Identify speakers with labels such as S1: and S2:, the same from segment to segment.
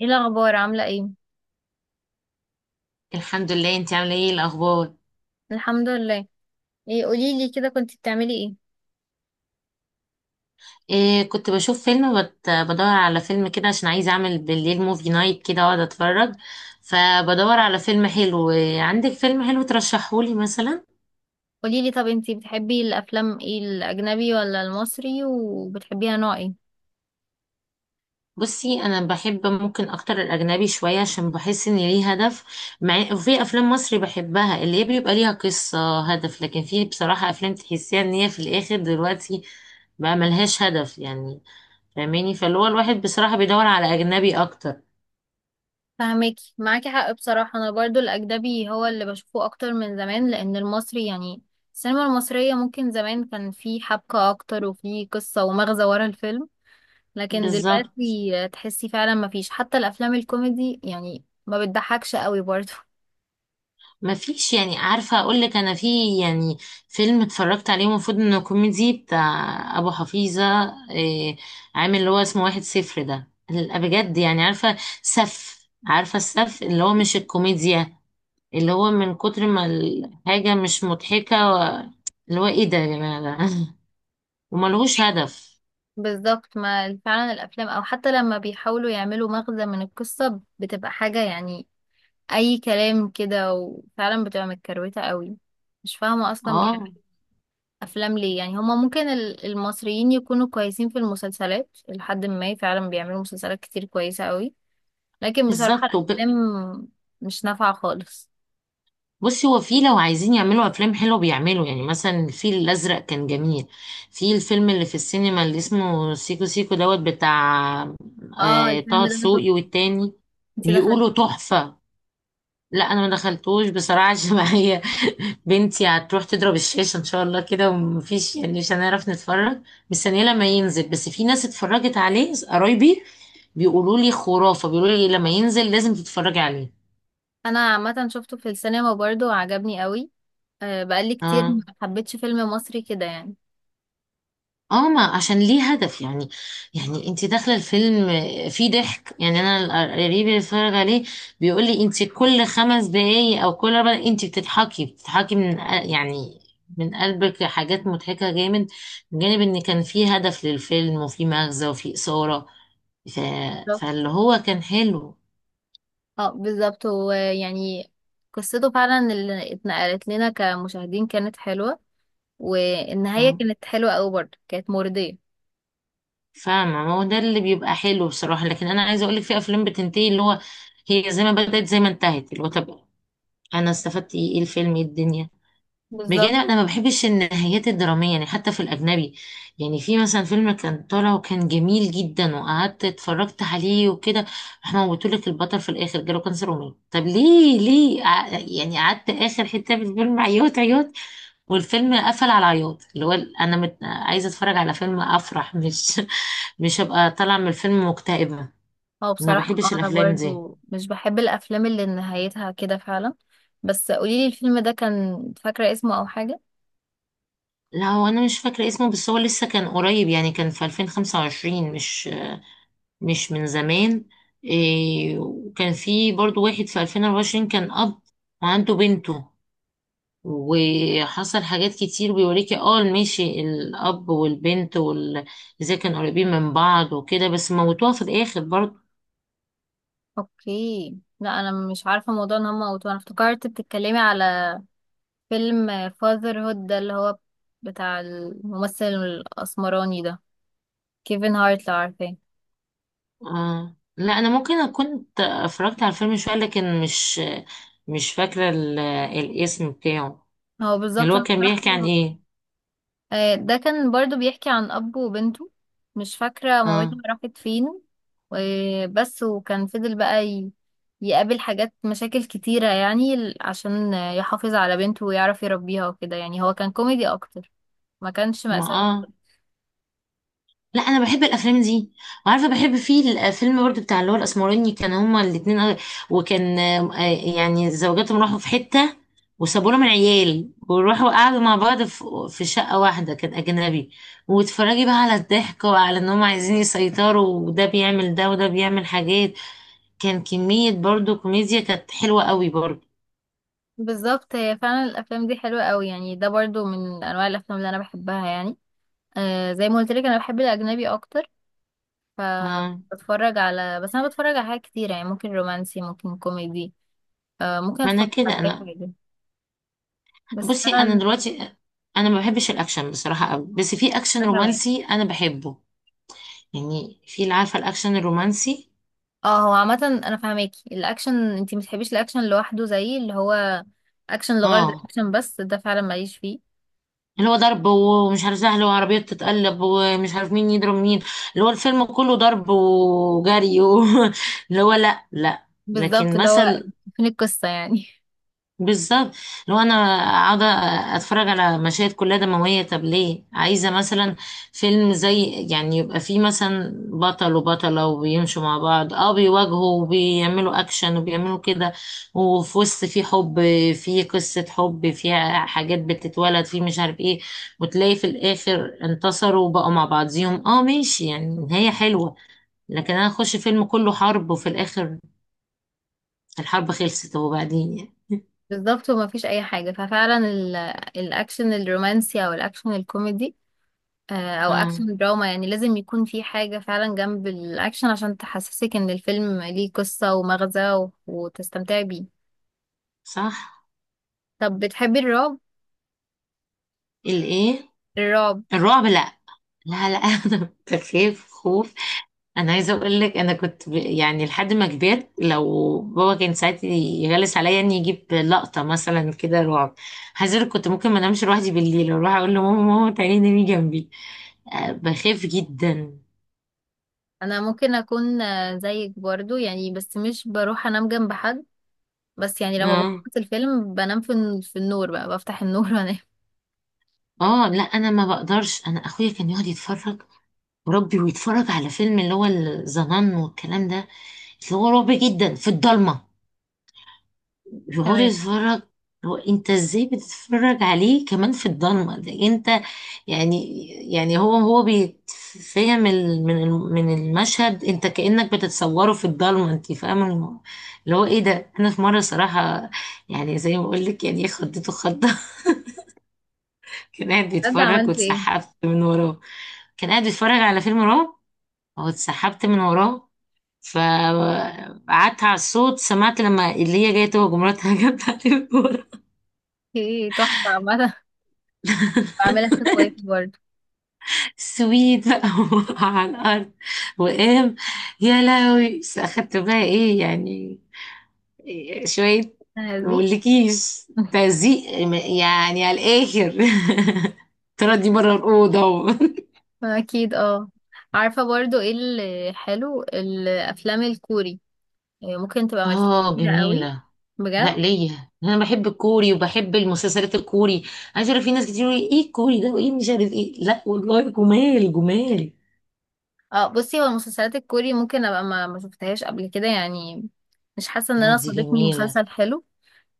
S1: ايه الاخبار، عامله ايه؟
S2: الحمد لله، انت عامله ايه الاخبار؟
S1: الحمد لله. ايه، قولي لي كده، كنت بتعملي ايه؟
S2: إيه، كنت بشوف فيلم بدور على فيلم كده عشان عايزه اعمل بالليل موفي نايت كده واقعد اتفرج. فبدور على فيلم حلو. إيه، عندك فيلم حلو ترشحهولي مثلا؟
S1: قولي لي، طب انتي بتحبي الافلام ايه؟ الاجنبي ولا المصري؟ وبتحبيها نوع ايه؟
S2: بصي، انا بحب ممكن اكتر الاجنبي شويه عشان بحس ان ليه هدف. مع وفي افلام مصري بحبها، اللي هي بيبقى ليها قصه هدف، لكن في بصراحه افلام تحسيها ان هي في الاخر دلوقتي بقى ملهاش هدف يعني. فاهماني؟ فاللي هو الواحد بصراحه بيدور على اجنبي اكتر.
S1: فهماكي، معاكي حق بصراحه، انا برضو الاجنبي هو اللي بشوفه اكتر من زمان، لان المصري يعني السينما المصريه ممكن زمان كان في حبكه اكتر وفي قصه ومغزى ورا الفيلم، لكن
S2: بالظبط.
S1: دلوقتي تحسي فعلا مفيش، حتى الافلام الكوميدي يعني ما بتضحكش قوي برضو.
S2: ما فيش يعني، عارفة اقول لك انا في يعني فيلم اتفرجت عليه المفروض انه كوميدي بتاع ابو حفيظة. إيه، عامل اللي هو اسمه واحد صفر ده بجد يعني، عارفة عارفة السف اللي هو مش الكوميديا، اللي هو من كتر ما الحاجة مش مضحكة اللي هو ايه ده يا جماعة ده؟ وملهوش هدف.
S1: بالظبط، ما فعلا الافلام او حتى لما بيحاولوا يعملوا مغزى من القصة بتبقى حاجة يعني اي كلام كده، وفعلا بتبقى متكروتة قوي. مش فاهمة اصلا بيعملوا
S2: اه،
S1: افلام ليه، يعني هما ممكن المصريين يكونوا كويسين في المسلسلات، لحد ما فعلا بيعملوا مسلسلات كتير كويسة قوي، لكن بصراحة
S2: بالظبط.
S1: الافلام مش نافعة خالص.
S2: بصي، هو في لو عايزين يعملوا افلام حلوه بيعملوا، يعني مثلا الفيل الازرق كان جميل. في الفيلم اللي في السينما اللي اسمه سيكو سيكو دوت بتاع،
S1: اه،
S2: آه،
S1: الفيلم
S2: طه
S1: ده انا
S2: دسوقي
S1: شفته.
S2: والتاني.
S1: انتي
S2: بيقولوا
S1: دخلتيه؟
S2: تحفه. لا، انا ما دخلتوش بصراحه عشان معايا بنتي هتروح تضرب الشاشه ان شاء الله كده، ومفيش يعني مش هنعرف نتفرج. مستنيه لما ينزل، بس في ناس اتفرجت عليه، قرايبي بيقولوا لي خرافه، بيقولوا لي لما ينزل لازم تتفرجي عليه.
S1: انا عامة شفته في السينما برضه وعجبني قوي. آه، بقالي كتير
S2: اه.
S1: ما حبيتش فيلم مصري كده يعني.
S2: اه، ما عشان ليه هدف يعني. يعني انت داخله الفيلم فيه ضحك. يعني انا قريبي اللي اتفرج عليه بيقول لي انت كل خمس دقايق او كل اربع دقايق انت بتضحكي، يعني من قلبك، حاجات مضحكه جامد، من جانب ان كان فيه هدف للفيلم وفيه مغزى وفيه اثاره. ف... فاللي هو كان حلو.
S1: اه، بالظبط، هو يعني قصته فعلا اللي اتنقلت لنا كمشاهدين كانت حلوة، والنهاية
S2: مم.
S1: كانت حلوة أوي، برضه كانت مرضية.
S2: فاهمه، ما هو ده اللي بيبقى حلو بصراحه. لكن انا عايزه اقول لك في افلام بتنتهي اللي هو هي زي ما بدأت زي ما انتهت، اللي هو طب انا استفدت ايه؟ إيه الفيلم؟ إيه الدنيا؟ بجد،
S1: بالظبط،
S2: انا ما بحبش النهايات الدراميه يعني، حتى في الاجنبي. يعني في مثلا فيلم كان طالع وكان جميل جدا وقعدت اتفرجت عليه وكده، احنا موتولك البطل في الاخر جاله كانسر ومات. طب ليه؟ ليه؟ يعني قعدت اخر حته في الفيلم عياط عياط، والفيلم قفل على عياط، اللي هو عايزه اتفرج على فيلم افرح مش مش هبقى طالعه من الفيلم مكتئبه.
S1: هو
S2: ما
S1: بصراحة
S2: بحبش
S1: أنا
S2: الافلام دي.
S1: برضه مش بحب الأفلام اللي نهايتها كده فعلا. بس قوليلي الفيلم ده، كان فاكرة اسمه أو حاجة؟
S2: لا، هو انا مش فاكره اسمه، بس هو لسه كان قريب يعني، كان في 2025، مش مش من زمان. إيه، وكان في برضو واحد في 2024، كان أب وعنده بنته وحصل حاجات كتير بيوريكي. اه ماشي، الأب والبنت ازاي كانوا قريبين من بعض وكده، بس موتوها في الآخر برضو.
S1: اوكي. لا، أنا مش عارفة موضوع إن هما قلتوه، أنا افتكرت بتتكلمي على فيلم فاذر هود ده اللي هو بتاع الممثل الأسمراني ده، كيفن هارت، لو عارفاه.
S2: آه. لا، أنا ممكن أكون اتفرجت على الفيلم شوية، لكن مش مش فاكرة الاسم بتاعه.
S1: هو
S2: اللي
S1: بالظبط
S2: هو
S1: انا
S2: كان بيحكي عن
S1: بصراحة.
S2: ايه؟
S1: آه، ده كان برضو بيحكي عن أب وبنته، مش فاكرة مامتها
S2: اه.
S1: راحت فين. بس وكان فضل بقى يقابل حاجات مشاكل كتيرة، يعني عشان يحافظ على بنته ويعرف يربيها وكده، يعني هو كان كوميدي أكتر، ما كانش
S2: ما
S1: مأساوي.
S2: اه، لا انا بحب الافلام دي. وعارفه بحب فيه الفيلم برضو بتاع اللي هو الاسمراني، كان هما الاتنين، وكان آه، يعني زوجاتهم راحوا في حته وسابوا لهم العيال، وراحوا قعدوا مع بعض في في شقه واحده كان اجنبي. واتفرجي بقى على الضحك وعلى ان هما عايزين يسيطروا، وده بيعمل ده وده بيعمل حاجات، كان كميه برضو كوميديا كانت حلوه قوي برضو.
S1: بالظبط، هي فعلا الأفلام دي حلوة قوي، يعني ده برضو من أنواع الأفلام اللي أنا بحبها يعني. آه، زي ما قلت لك أنا بحب الأجنبي أكتر. ف
S2: اه.
S1: بتفرج على بس أنا بتفرج على حاجات كتيرة، يعني ممكن رومانسي ممكن كوميدي. آه، ممكن
S2: ما انا
S1: أتفرج
S2: كده
S1: على أي
S2: انا،
S1: حاجة. بس
S2: بصي انا
S1: انا.
S2: دلوقتي انا ما بحبش الاكشن بصراحه قوي، بس في اكشن
S1: انا كمان.
S2: رومانسي انا بحبه. يعني في اللي عارفه الاكشن الرومانسي،
S1: اه، هو عامه، انا فاهماكي الاكشن، انتي متحبيش الاكشن لوحده، زي اللي هو اكشن لغرض
S2: اه،
S1: الاكشن بس، ده فعلا ماليش فيه.
S2: اللي هو ضرب ومش عارف سهل وعربيه بتتقلب ومش عارف مين يضرب مين، اللي هو الفيلم كله ضرب وجري اللي هو لا، لا.
S1: بالظبط،
S2: لكن
S1: اللي هو،
S2: مثل،
S1: فين القصه يعني؟
S2: بالظبط. لو انا قاعده اتفرج على مشاهد كلها دمويه، طب ليه؟ عايزه مثلا فيلم زي، يعني يبقى فيه مثلا بطل وبطله وبيمشوا مع بعض، اه، بيواجهوا وبيعملوا اكشن وبيعملوا كده، وفي وسط في حب، في قصه حب فيها حاجات بتتولد في مش عارف ايه، وتلاقي في الاخر انتصروا وبقوا مع بعضيهم، اه ماشي، يعني نهايه حلوه. لكن انا اخش فيلم كله حرب، وفي الاخر الحرب خلصت وبعدين يعني.
S1: بالظبط، وما فيش اي حاجه، ففعلا الاكشن الرومانسي او الاكشن الكوميدي. آه، او
S2: اه.
S1: اكشن دراما، يعني لازم يكون في حاجه فعلا جنب الاكشن عشان تحسسك ان الفيلم ليه قصه ومغزى، وتستمتعي بيه.
S2: صح.
S1: طب بتحبي الرعب؟
S2: الايه؟
S1: الرعب؟
S2: الرعب؟ لا، لا، لا. انا كنت بخاف خوف. انا عايزه اقول لك انا يعني لحد ما كبرت، لو بابا كان ساعات يغلس عليا اني يجيب لقطه مثلا كده رعب، عايزه اقول لك كنت ممكن ما انامش لوحدي بالليل، اروح اقول لماما ماما تعالي نامي جنبي. أه، بخاف جدا.
S1: انا ممكن اكون آه، زيك برضو يعني، بس مش بروح انام جنب حد. بس يعني لما
S2: اه.
S1: بخلص الفيلم بنام في في النور بقى، بفتح النور وانام.
S2: اه، لا انا ما بقدرش. انا اخويا كان يقعد يتفرج، وربي، ويتفرج على فيلم اللي هو الظنن والكلام ده، اللي هو رعب جدا في الضلمه، يقعد
S1: تمام.
S2: يتفرج. هو انت ازاي بتتفرج عليه كمان في الضلمه ده؟ انت يعني، يعني هو بيتفهم من المشهد. انت كانك بتتصوره في الضلمه، انت فاهمه اللي هو ايه ده؟ انا في مره صراحه، يعني زي ما بقول لك يعني خضته خضه. كان قاعد
S1: بجد؟
S2: بيتفرج
S1: عملت ايه؟
S2: واتسحبت من وراه. كان قاعد بيتفرج على فيلم رعب واتسحبت من وراه، فقعدت على الصوت، سمعت لما اللي هي جايه تهجم مراتها، جت عليه من ورا.
S1: ايه، تحفة عامة. بعملها في اخواتي برضو.
S2: سويت بقى وقع على الأرض وقام يا لهوي. بس أخدت بقى إيه يعني؟ إيه شوية،
S1: هذه.
S2: مقولكيش تزيق يعني على الآخر. تردي بره الأوضة.
S1: اكيد اه. عارفة برضو ايه اللي حلو؟ الافلام الكوري. إيه، ممكن تبقى ملكتش
S2: اه،
S1: كتيرة قوي.
S2: جميلة. لا،
S1: بجد.
S2: ليا انا بحب الكوري وبحب المسلسلات الكوري. عايزه اعرف، في ناس كتير يقولوا ايه الكوري ده وايه مش عارف ايه. لا والله، جمال جمال.
S1: اه، بصي هو المسلسلات الكوري ممكن ابقى ما شفتهاش قبل كده يعني، مش حاسة ان
S2: لا،
S1: انا
S2: دي
S1: صادفني
S2: جميلة.
S1: مسلسل حلو،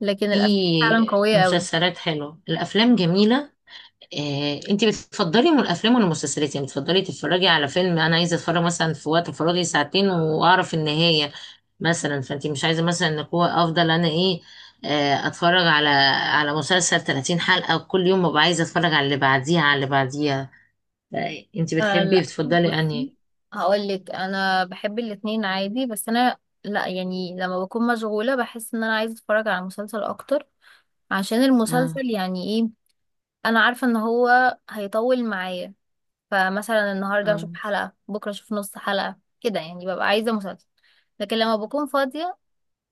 S1: لكن الافلام فعلا
S2: في
S1: قوية قوي.
S2: مسلسلات حلوة، الافلام جميلة. آه، انت بتفضلي من الافلام ولا المسلسلات؟ يعني بتفضلي تتفرجي على فيلم، انا عايزه اتفرج مثلا في وقت فراغي ساعتين واعرف النهايه مثلا، فانت مش عايزه مثلا ان هو افضل انا ايه، آه، اتفرج على على مسلسل 30 حلقه وكل يوم ببقى عايزه اتفرج على اللي بعديها على اللي بعديها؟ انت
S1: آه،
S2: بتحبي
S1: لا،
S2: بتفضلي
S1: بصي،
S2: انهي؟
S1: هقول لك انا بحب الاتنين عادي. بس انا. لا يعني لما بكون مشغولة بحس ان انا عايزة اتفرج على مسلسل اكتر، عشان
S2: اه.
S1: المسلسل يعني ايه، انا عارفة ان هو هيطول معايا. فمثلا النهاردة
S2: اه.
S1: هشوف حلقة، بكرة اشوف نص حلقة كده، يعني ببقى عايزة مسلسل. لكن لما بكون فاضية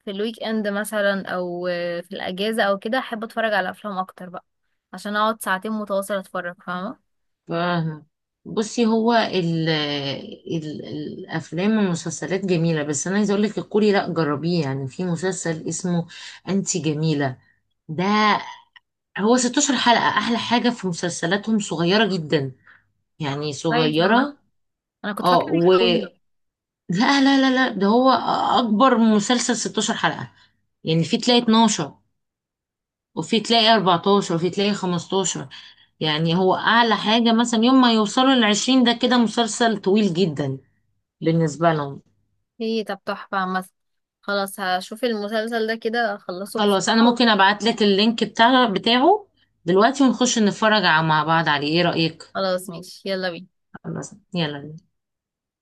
S1: في الويك اند مثلا، او آه، في الاجازة او كده، احب اتفرج على افلام اكتر بقى، عشان اقعد ساعتين متواصل اتفرج، فاهمة؟
S2: فاهمة. بصي هو ال الافلام والمسلسلات جميله، بس انا عايزه اقول لك الكوري لا، جربيه. يعني في مسلسل اسمه انتي جميله ده، هو 16 حلقه. احلى حاجه في مسلسلاتهم صغيره جدا، يعني
S1: كويس عامة.
S2: صغيره.
S1: انا كنت
S2: اه.
S1: فاكرة ان هي
S2: و
S1: طويلة.
S2: لا لا لا لا، ده هو اكبر مسلسل 16 حلقه. يعني في تلاقي 12، وفي تلاقي 14، وفي تلاقي 15. يعني هو اعلى حاجه مثلا يوم ما يوصلوا ل 20، ده كده مسلسل طويل جدا بالنسبة لهم.
S1: هي طب، تحفة عامة. خلاص هشوف المسلسل ده كده، اخلصه بس.
S2: خلاص، انا ممكن ابعت لك اللينك بتاع بتاعه دلوقتي، ونخش نتفرج مع بعض عليه، ايه رأيك؟
S1: خلاص، ماشي، يلا بينا.
S2: خلاص، يلا.